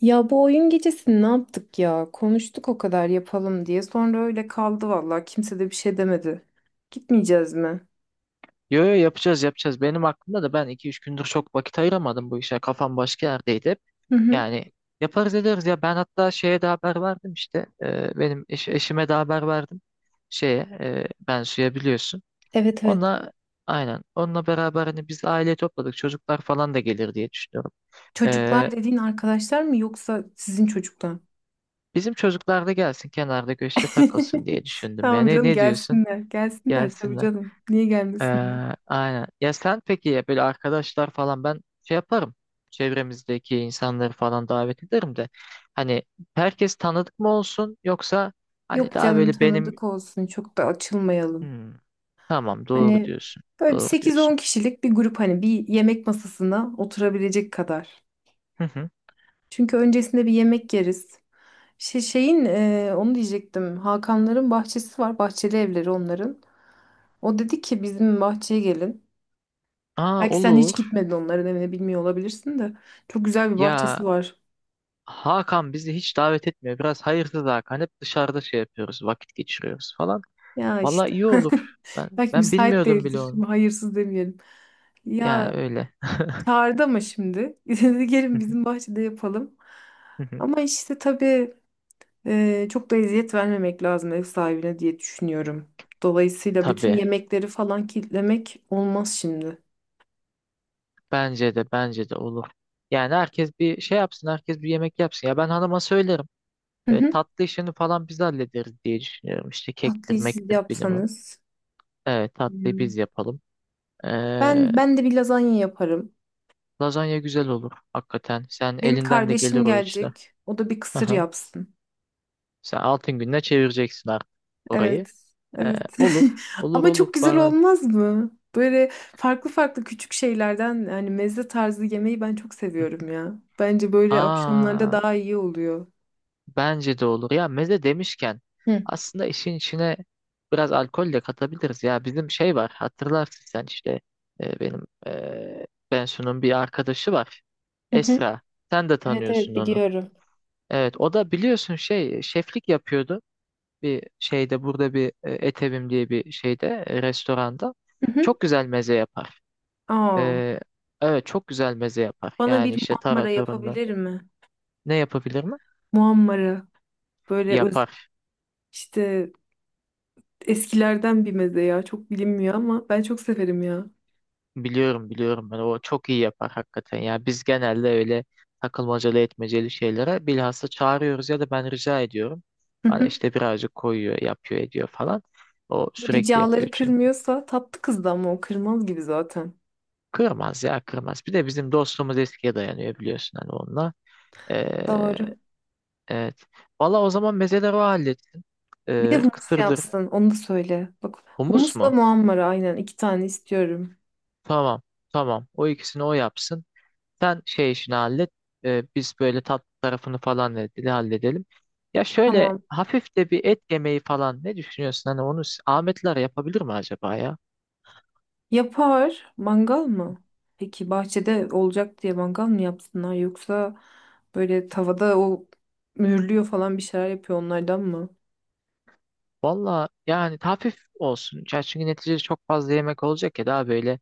Ya bu oyun gecesini ne yaptık ya? Konuştuk o kadar yapalım diye. Sonra öyle kaldı vallahi. Kimse de bir şey demedi. Gitmeyeceğiz mi? Yo yo yapacağız yapacağız. Benim aklımda da ben iki üç gündür çok vakit ayıramadım bu işe. Kafam başka yerdeydi hep. Hı hı. Yani yaparız ederiz ya. Ben hatta şeye de haber verdim işte. Benim eşime de haber verdim. Şeye ben suya biliyorsun. Evet evet. Onunla aynen. Onunla beraber hani biz aile topladık. Çocuklar falan da gelir diye düşünüyorum. Çocuklar Ee, dediğin arkadaşlar mı yoksa sizin çocuklar? bizim çocuklar da gelsin kenarda köşede takılsın diye düşündüm. Yani Tamam ne, canım ne diyorsun? gelsinler. Gelsinler tabii Gelsinler. canım. Niye gelmesinler? Ee, aynen. Ya sen peki ya böyle arkadaşlar falan ben şey yaparım. Çevremizdeki insanları falan davet ederim de. Hani herkes tanıdık mı olsun yoksa hani Yok daha canım böyle benim. tanıdık olsun. Çok da açılmayalım. Hmm, tamam doğru Hani diyorsun. böyle bir Doğru 8-10 diyorsun. kişilik bir grup, hani bir yemek masasına oturabilecek kadar. Hı hı. Çünkü öncesinde bir yemek yeriz. Onu diyecektim. Hakanların bahçesi var. Bahçeli evleri onların. O dedi ki bizim bahçeye gelin. Aa, Belki sen hiç olur. gitmedin onların evine, bilmiyor olabilirsin de. Çok güzel bir bahçesi Ya var. Hakan bizi hiç davet etmiyor. Biraz hayırsız Hakan. Hep dışarıda şey yapıyoruz. Vakit geçiriyoruz falan. Ya Valla işte. iyi olur. Ben Belki ben müsait bilmiyordum bile değildir. onu. Şimdi hayırsız demeyelim. Yani Ya öyle. çağırdı ama şimdi. Dedi Hı gelin hı, bizim bahçede yapalım. hı hı. Ama işte tabii çok da eziyet vermemek lazım ev sahibine diye düşünüyorum. Dolayısıyla bütün Tabii. yemekleri falan kilitlemek olmaz şimdi. Bence de olur. Yani herkes bir şey yapsın, herkes bir yemek yapsın. Ya ben hanıma söylerim. E, tatlı işini falan biz hallederiz diye düşünüyorum. İşte kektir, Tatlıyı siz mektir bilmem. yapsanız. Evet, tatlıyı biz Hmm. yapalım. E, Ben de bir lazanya yaparım. lazanya güzel olur hakikaten. Sen Benim elinden de kardeşim gelir o işler. gelecek. O da bir kısır Aha. yapsın. Sen altın gününe çevireceksin artık orayı. Evet. E, Evet. olur, olur Ama olur çok güzel bana. olmaz mı? Böyle farklı farklı küçük şeylerden, yani meze tarzı yemeği ben çok seviyorum ya. Bence böyle akşamlarda Aa, daha iyi oluyor. bence de olur. Ya meze demişken Hı. aslında işin içine biraz alkol de katabiliriz. Ya bizim şey var hatırlarsın sen işte benim Bensu'nun bir arkadaşı var. Hı hı. Esra. Sen de Evet tanıyorsun evet onu. biliyorum. Evet, o da biliyorsun şey şeflik yapıyordu. Bir şeyde burada bir Etevim diye bir şeyde restoranda. Hı hı. Çok güzel meze yapar. Aa, E, evet, çok güzel meze yapar. bana Yani bir işte muammara taratorundan. yapabilir mi? Ne yapabilir mi? Muammara, böyle Yapar. işte eskilerden bir meze ya. Çok bilinmiyor ama ben çok severim ya. Biliyorum biliyorum, ben o çok iyi yapar hakikaten. Ya biz genelde öyle takılmacalı etmeceli şeylere bilhassa çağırıyoruz ya da ben rica ediyorum. Hı Bana hı. işte birazcık koyuyor, yapıyor, ediyor falan. O sürekli yapıyor Ricaları çünkü. kırmıyorsa, tatlı kızdı ama o kırmaz gibi zaten. Kırmaz ya, kırmaz. Bir de bizim dostluğumuz eskiye dayanıyor biliyorsun hani onunla. Ee, Doğru. evet. Valla, o zaman mezeleri o halletsin. Bir de Ee, humus kısırdır. yapsın. Onu da söyle. Bak, Humus humusla mu? muhammara, aynen iki tane istiyorum. Tamam. Tamam. O ikisini o yapsın. Sen şey işini hallet. Biz böyle tatlı tarafını falan ne halledelim. Ya şöyle Tamam. hafif de bir et yemeği falan ne düşünüyorsun? Hani onu Ahmetler yapabilir mi acaba ya? Yapar. Mangal mı? Peki bahçede olacak diye mangal mı yapsınlar, yoksa böyle tavada o mühürlüyor falan bir şeyler yapıyor, onlardan mı? Valla yani hafif olsun. Ya çünkü neticede çok fazla yemek olacak ya, daha böyle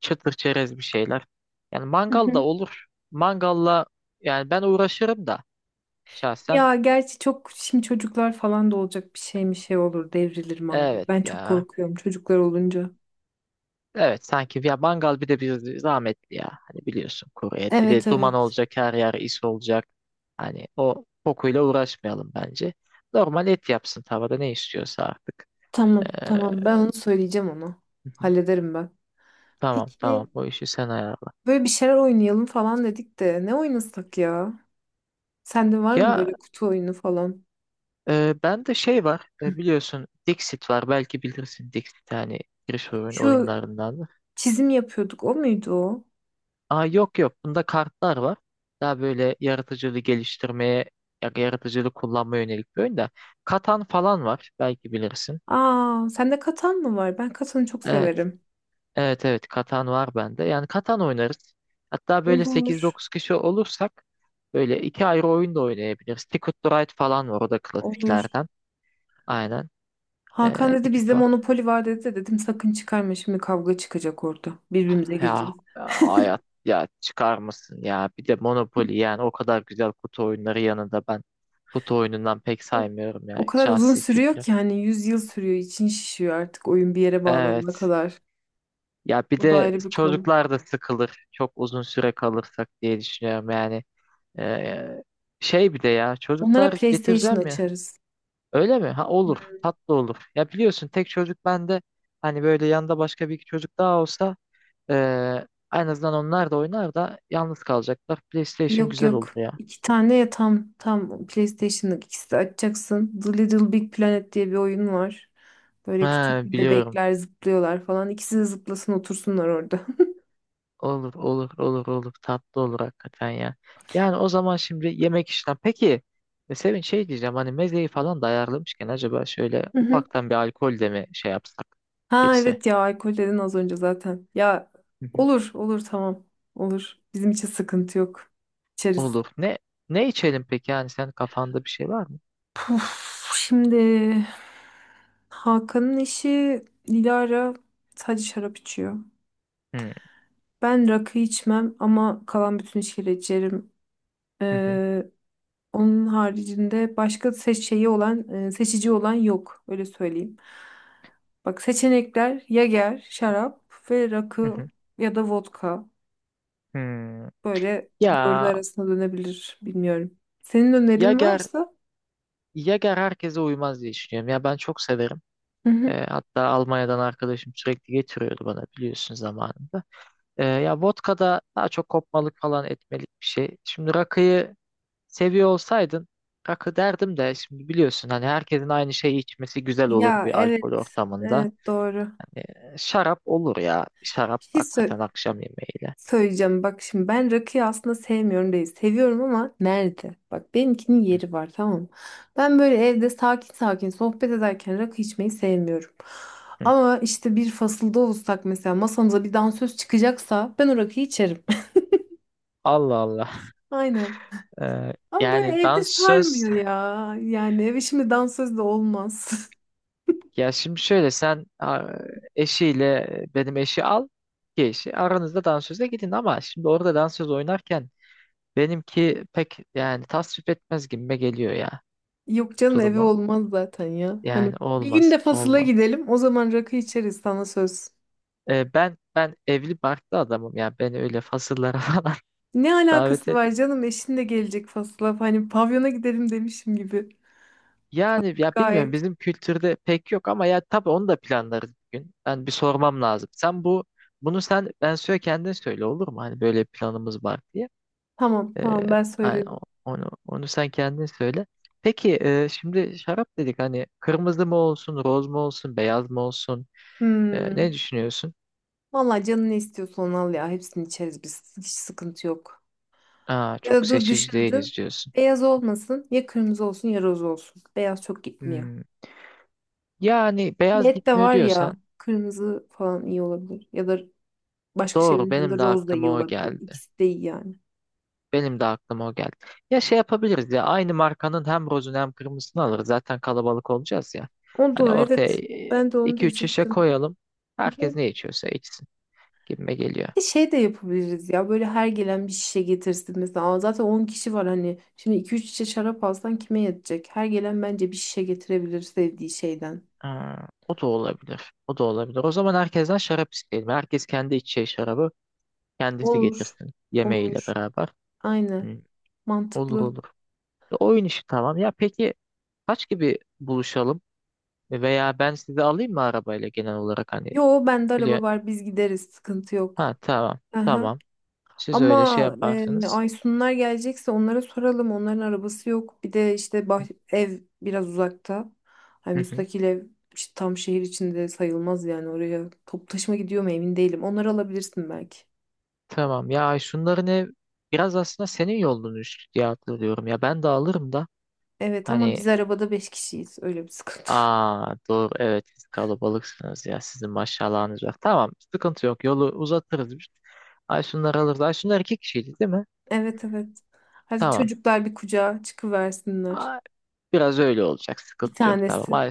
çıtır çerez bir şeyler. Yani mangal da olur. Mangalla yani ben uğraşırım da şahsen. Ya gerçi çok şimdi çocuklar falan da olacak, bir şey mi şey olur, devrilir mangal. Evet Ben çok ya. korkuyorum çocuklar olunca. Evet, sanki ya mangal bir de bir zahmetli ya. Hani biliyorsun, kuru et. Bir Evet de duman evet. olacak, her yer is olacak. Hani o kokuyla uğraşmayalım bence. Normal et yapsın tavada, ne istiyorsa artık. Ee, Tamam tamam, ben onu söyleyeceğim ona. hı hı. Hallederim ben. Tamam Peki tamam, o işi sen ayarla. böyle bir şeyler oynayalım falan dedik de, ne oynasak ya? Sende var mı Ya böyle kutu oyunu falan? Bende şey var, biliyorsun Dixit var, belki bilirsin Dixit, hani giriş oyun Şu oyunlarından. çizim yapıyorduk, o muydu o? Aa, yok yok, bunda kartlar var. Daha böyle yaratıcılığı geliştirmeye, yaratıcılığı kullanmaya yönelik bir oyun da. Katan falan var, belki bilirsin. Aa, sende katan mı var? Ben katanı çok Evet severim. evet evet, Katan var bende. Yani Katan oynarız. Hatta böyle sekiz Olur. dokuz kişi olursak böyle iki ayrı oyun da oynayabiliriz. Ticket to Ride falan var, o da Olur. klasiklerden. Aynen. Hakan Ee, dedi iki, bizde monopoli var dedi de, dedim sakın çıkarma şimdi, kavga çıkacak orada. Birbirimize Ya gireceğiz. Hayat, ya çıkar mısın ya bir de Monopoly, yani o kadar güzel kutu oyunları yanında ben kutu oyunundan pek saymıyorum ya, O kadar uzun şahsi sürüyor fikrim. ki, hani 100 yıl sürüyor, için şişiyor artık oyun bir yere bağlanana Evet kadar. ya, bir O da de ayrı bir konu. çocuklar da sıkılır çok uzun süre kalırsak diye düşünüyorum yani. Ee, şey, bir de ya Onlara çocuklar PlayStation getireceğim ya, açarız. öyle mi? Ha olur, Hmm, tatlı olur ya, biliyorsun tek çocuk bende, hani böyle yanında başka bir iki çocuk daha olsa ee, en azından onlar da oynar da yalnız kalacaklar, PlayStation Yok güzel olur yok. ya. İki tane ya, tam PlayStation'lık, ikisi de açacaksın. The Little Big Planet diye bir oyun var. Böyle Ha, küçük bir biliyorum. bebekler zıplıyorlar falan. İkisi de zıplasın, otursunlar orada. Olur olur olur olur. Tatlı olur hakikaten ya. Yani o zaman şimdi yemek işlem. Peki Sevin şey diyeceğim, hani mezeyi falan da ayarlamışken acaba şöyle ufaktan bir alkol de mi şey yapsak Ha girse? evet ya, alkol dedin az önce zaten. Ya Hı hı. olur olur, tamam olur. Bizim için sıkıntı yok. İçeriz. Olur. Ne içelim peki, yani sen kafanda bir şey var mı? Puf, şimdi Hakan'ın eşi Dilara sadece şarap içiyor. Hı Ben rakı içmem ama kalan bütün içkileri içerim. hı hı Ee, onun haricinde başka seçici olan yok, öyle söyleyeyim. Bak, seçenekler Yager, şarap ve hı. rakı Hı. ya da vodka. Hmm. Böyle dördü Ya arasına dönebilir. Bilmiyorum. Senin önerin Yager varsa. Yager herkese uymaz diye düşünüyorum. Ya ben çok severim. Hı hı. Hatta Almanya'dan arkadaşım sürekli getiriyordu bana, biliyorsun zamanında. Ya vodka'da daha çok kopmalık falan, etmelik bir şey. Şimdi rakıyı seviyor olsaydın rakı derdim de, şimdi biliyorsun hani herkesin aynı şeyi içmesi güzel olur Ya bir evet. alkol ortamında. Evet doğru. Şarap olur ya. Şarap Bir şey hakikaten akşam yemeğiyle. söyleyeceğim. Bak şimdi, ben rakıyı aslında sevmiyorum değil. Seviyorum ama nerede? Bak, benimkinin Hı yeri var, tamam mı? Ben böyle evde sakin sakin sohbet ederken rakı içmeyi sevmiyorum. hı. Ama işte bir fasılda olsak mesela, masamıza bir dansöz çıkacaksa ben o rakıyı içerim. Allah Allah. Aynen. Ee, Ama yani böyle evde dansöz, sarmıyor ya. Yani eve şimdi dansöz de olmaz. ya şimdi şöyle sen eşiyle benim eşi al ki eşi aranızda dansöze gidin, ama şimdi orada dansöz oynarken benimki pek yani tasvip etmez gibime geliyor ya. Yok canım, eve Durumu. olmaz zaten ya. Hani Yani bir gün olmaz, de fasıla olmaz. gidelim. O zaman rakı içeriz, sana söz. Ben evli barklı adamım ya. Beni öyle fasıllara falan Ne davet alakası et. var canım? Eşin de gelecek fasıla. Hani pavyona gidelim demişim gibi. Yani ya bilmiyorum, Gayet. bizim kültürde pek yok ama ya tabii onu da planlarız bir gün. Ben bir sormam lazım. Sen bunu sen ben söyle, kendin söyle, olur mu? Hani böyle bir planımız var diye. Tamam Ee, tamam, ben hani söyledim. onu sen kendin söyle. Peki şimdi şarap dedik, hani kırmızı mı olsun, roz mu olsun, beyaz mı olsun? Ne Hmm. düşünüyorsun? Vallahi canın ne istiyorsa onu al ya. Hepsini içeriz biz. Hiç sıkıntı yok. Aa, Ya çok da dur seçici düşündüm. değiliz diyorsun. Beyaz olmasın. Ya kırmızı olsun ya roz olsun. Beyaz çok gitmiyor. Hmm. Yani beyaz Et de gitmiyor var ya. diyorsan, Kırmızı falan iyi olabilir. Ya da başka doğru, şeylerin benim yanında de roz da iyi aklıma o olabilir. geldi. İkisi de iyi yani. Benim de aklıma o geldi. Ya şey yapabiliriz ya, aynı markanın hem rozunu hem kırmızısını alırız. Zaten kalabalık olacağız ya. O Hani da ortaya evet. Ben de onu iki üç şişe diyecektim. koyalım. Hı hı. Herkes ne içiyorsa içsin gibime geliyor. Bir de şey de yapabiliriz ya, böyle her gelen bir şişe getirsin mesela. Aa, zaten 10 kişi var, hani şimdi iki üç şişe şarap alsan kime yetecek? Her gelen bence bir şişe getirebilir sevdiği şeyden. Ha, o da olabilir. O da olabilir. O zaman herkesten şarap isteyelim. Herkes kendi içeceği şarabı kendisi Olur. getirsin yemeğiyle Olur. beraber. Aynen, Hı, olur mantıklı. olur. Oyun işi tamam. Ya peki kaç gibi buluşalım? Veya ben sizi alayım mı arabayla, genel olarak hani Yo, bende biliyor. araba var, biz gideriz sıkıntı Ha yok. tamam Aha. tamam. Siz öyle şey Ama yaparsınız. Aysunlar gelecekse onlara soralım. Onların arabası yok. Bir de işte ev biraz uzakta. Hani Hı hı. müstakil ev, işte tam şehir içinde sayılmaz yani, oraya toplu taşıma gidiyor mu emin değilim. Onları alabilirsin belki. Tamam ya, şunların ev biraz aslında senin yolunmuş diye hatırlıyorum ya, ben de alırım da Evet ama hani, biz arabada beş kişiyiz. Öyle bir sıkıntı. aa doğru, evet siz kalabalıksınız ya, sizin maşallahınız var. Tamam sıkıntı yok, yolu uzatırız biz. Ay şunları alırız. Ay şunlar iki kişiydi değil mi? Evet evet. Hadi Tamam. çocuklar bir kucağa çıkıversinler. Ay, biraz öyle olacak, Bir sıkıntı yok, tamam. tanesi. Ay,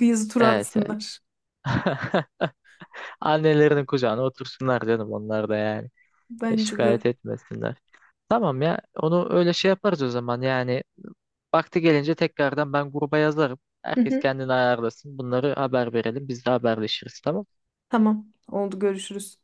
Yazı tur evet evet. atsınlar. Annelerinin kucağına otursunlar canım, onlar da yani. E, Bence de. şikayet etmesinler. Tamam ya, onu öyle şey yaparız o zaman yani. Vakti gelince tekrardan ben gruba yazarım. Hı Herkes hı. kendini ayarlasın. Bunları haber verelim. Biz de haberleşiriz, tamam. Tamam. Oldu, görüşürüz.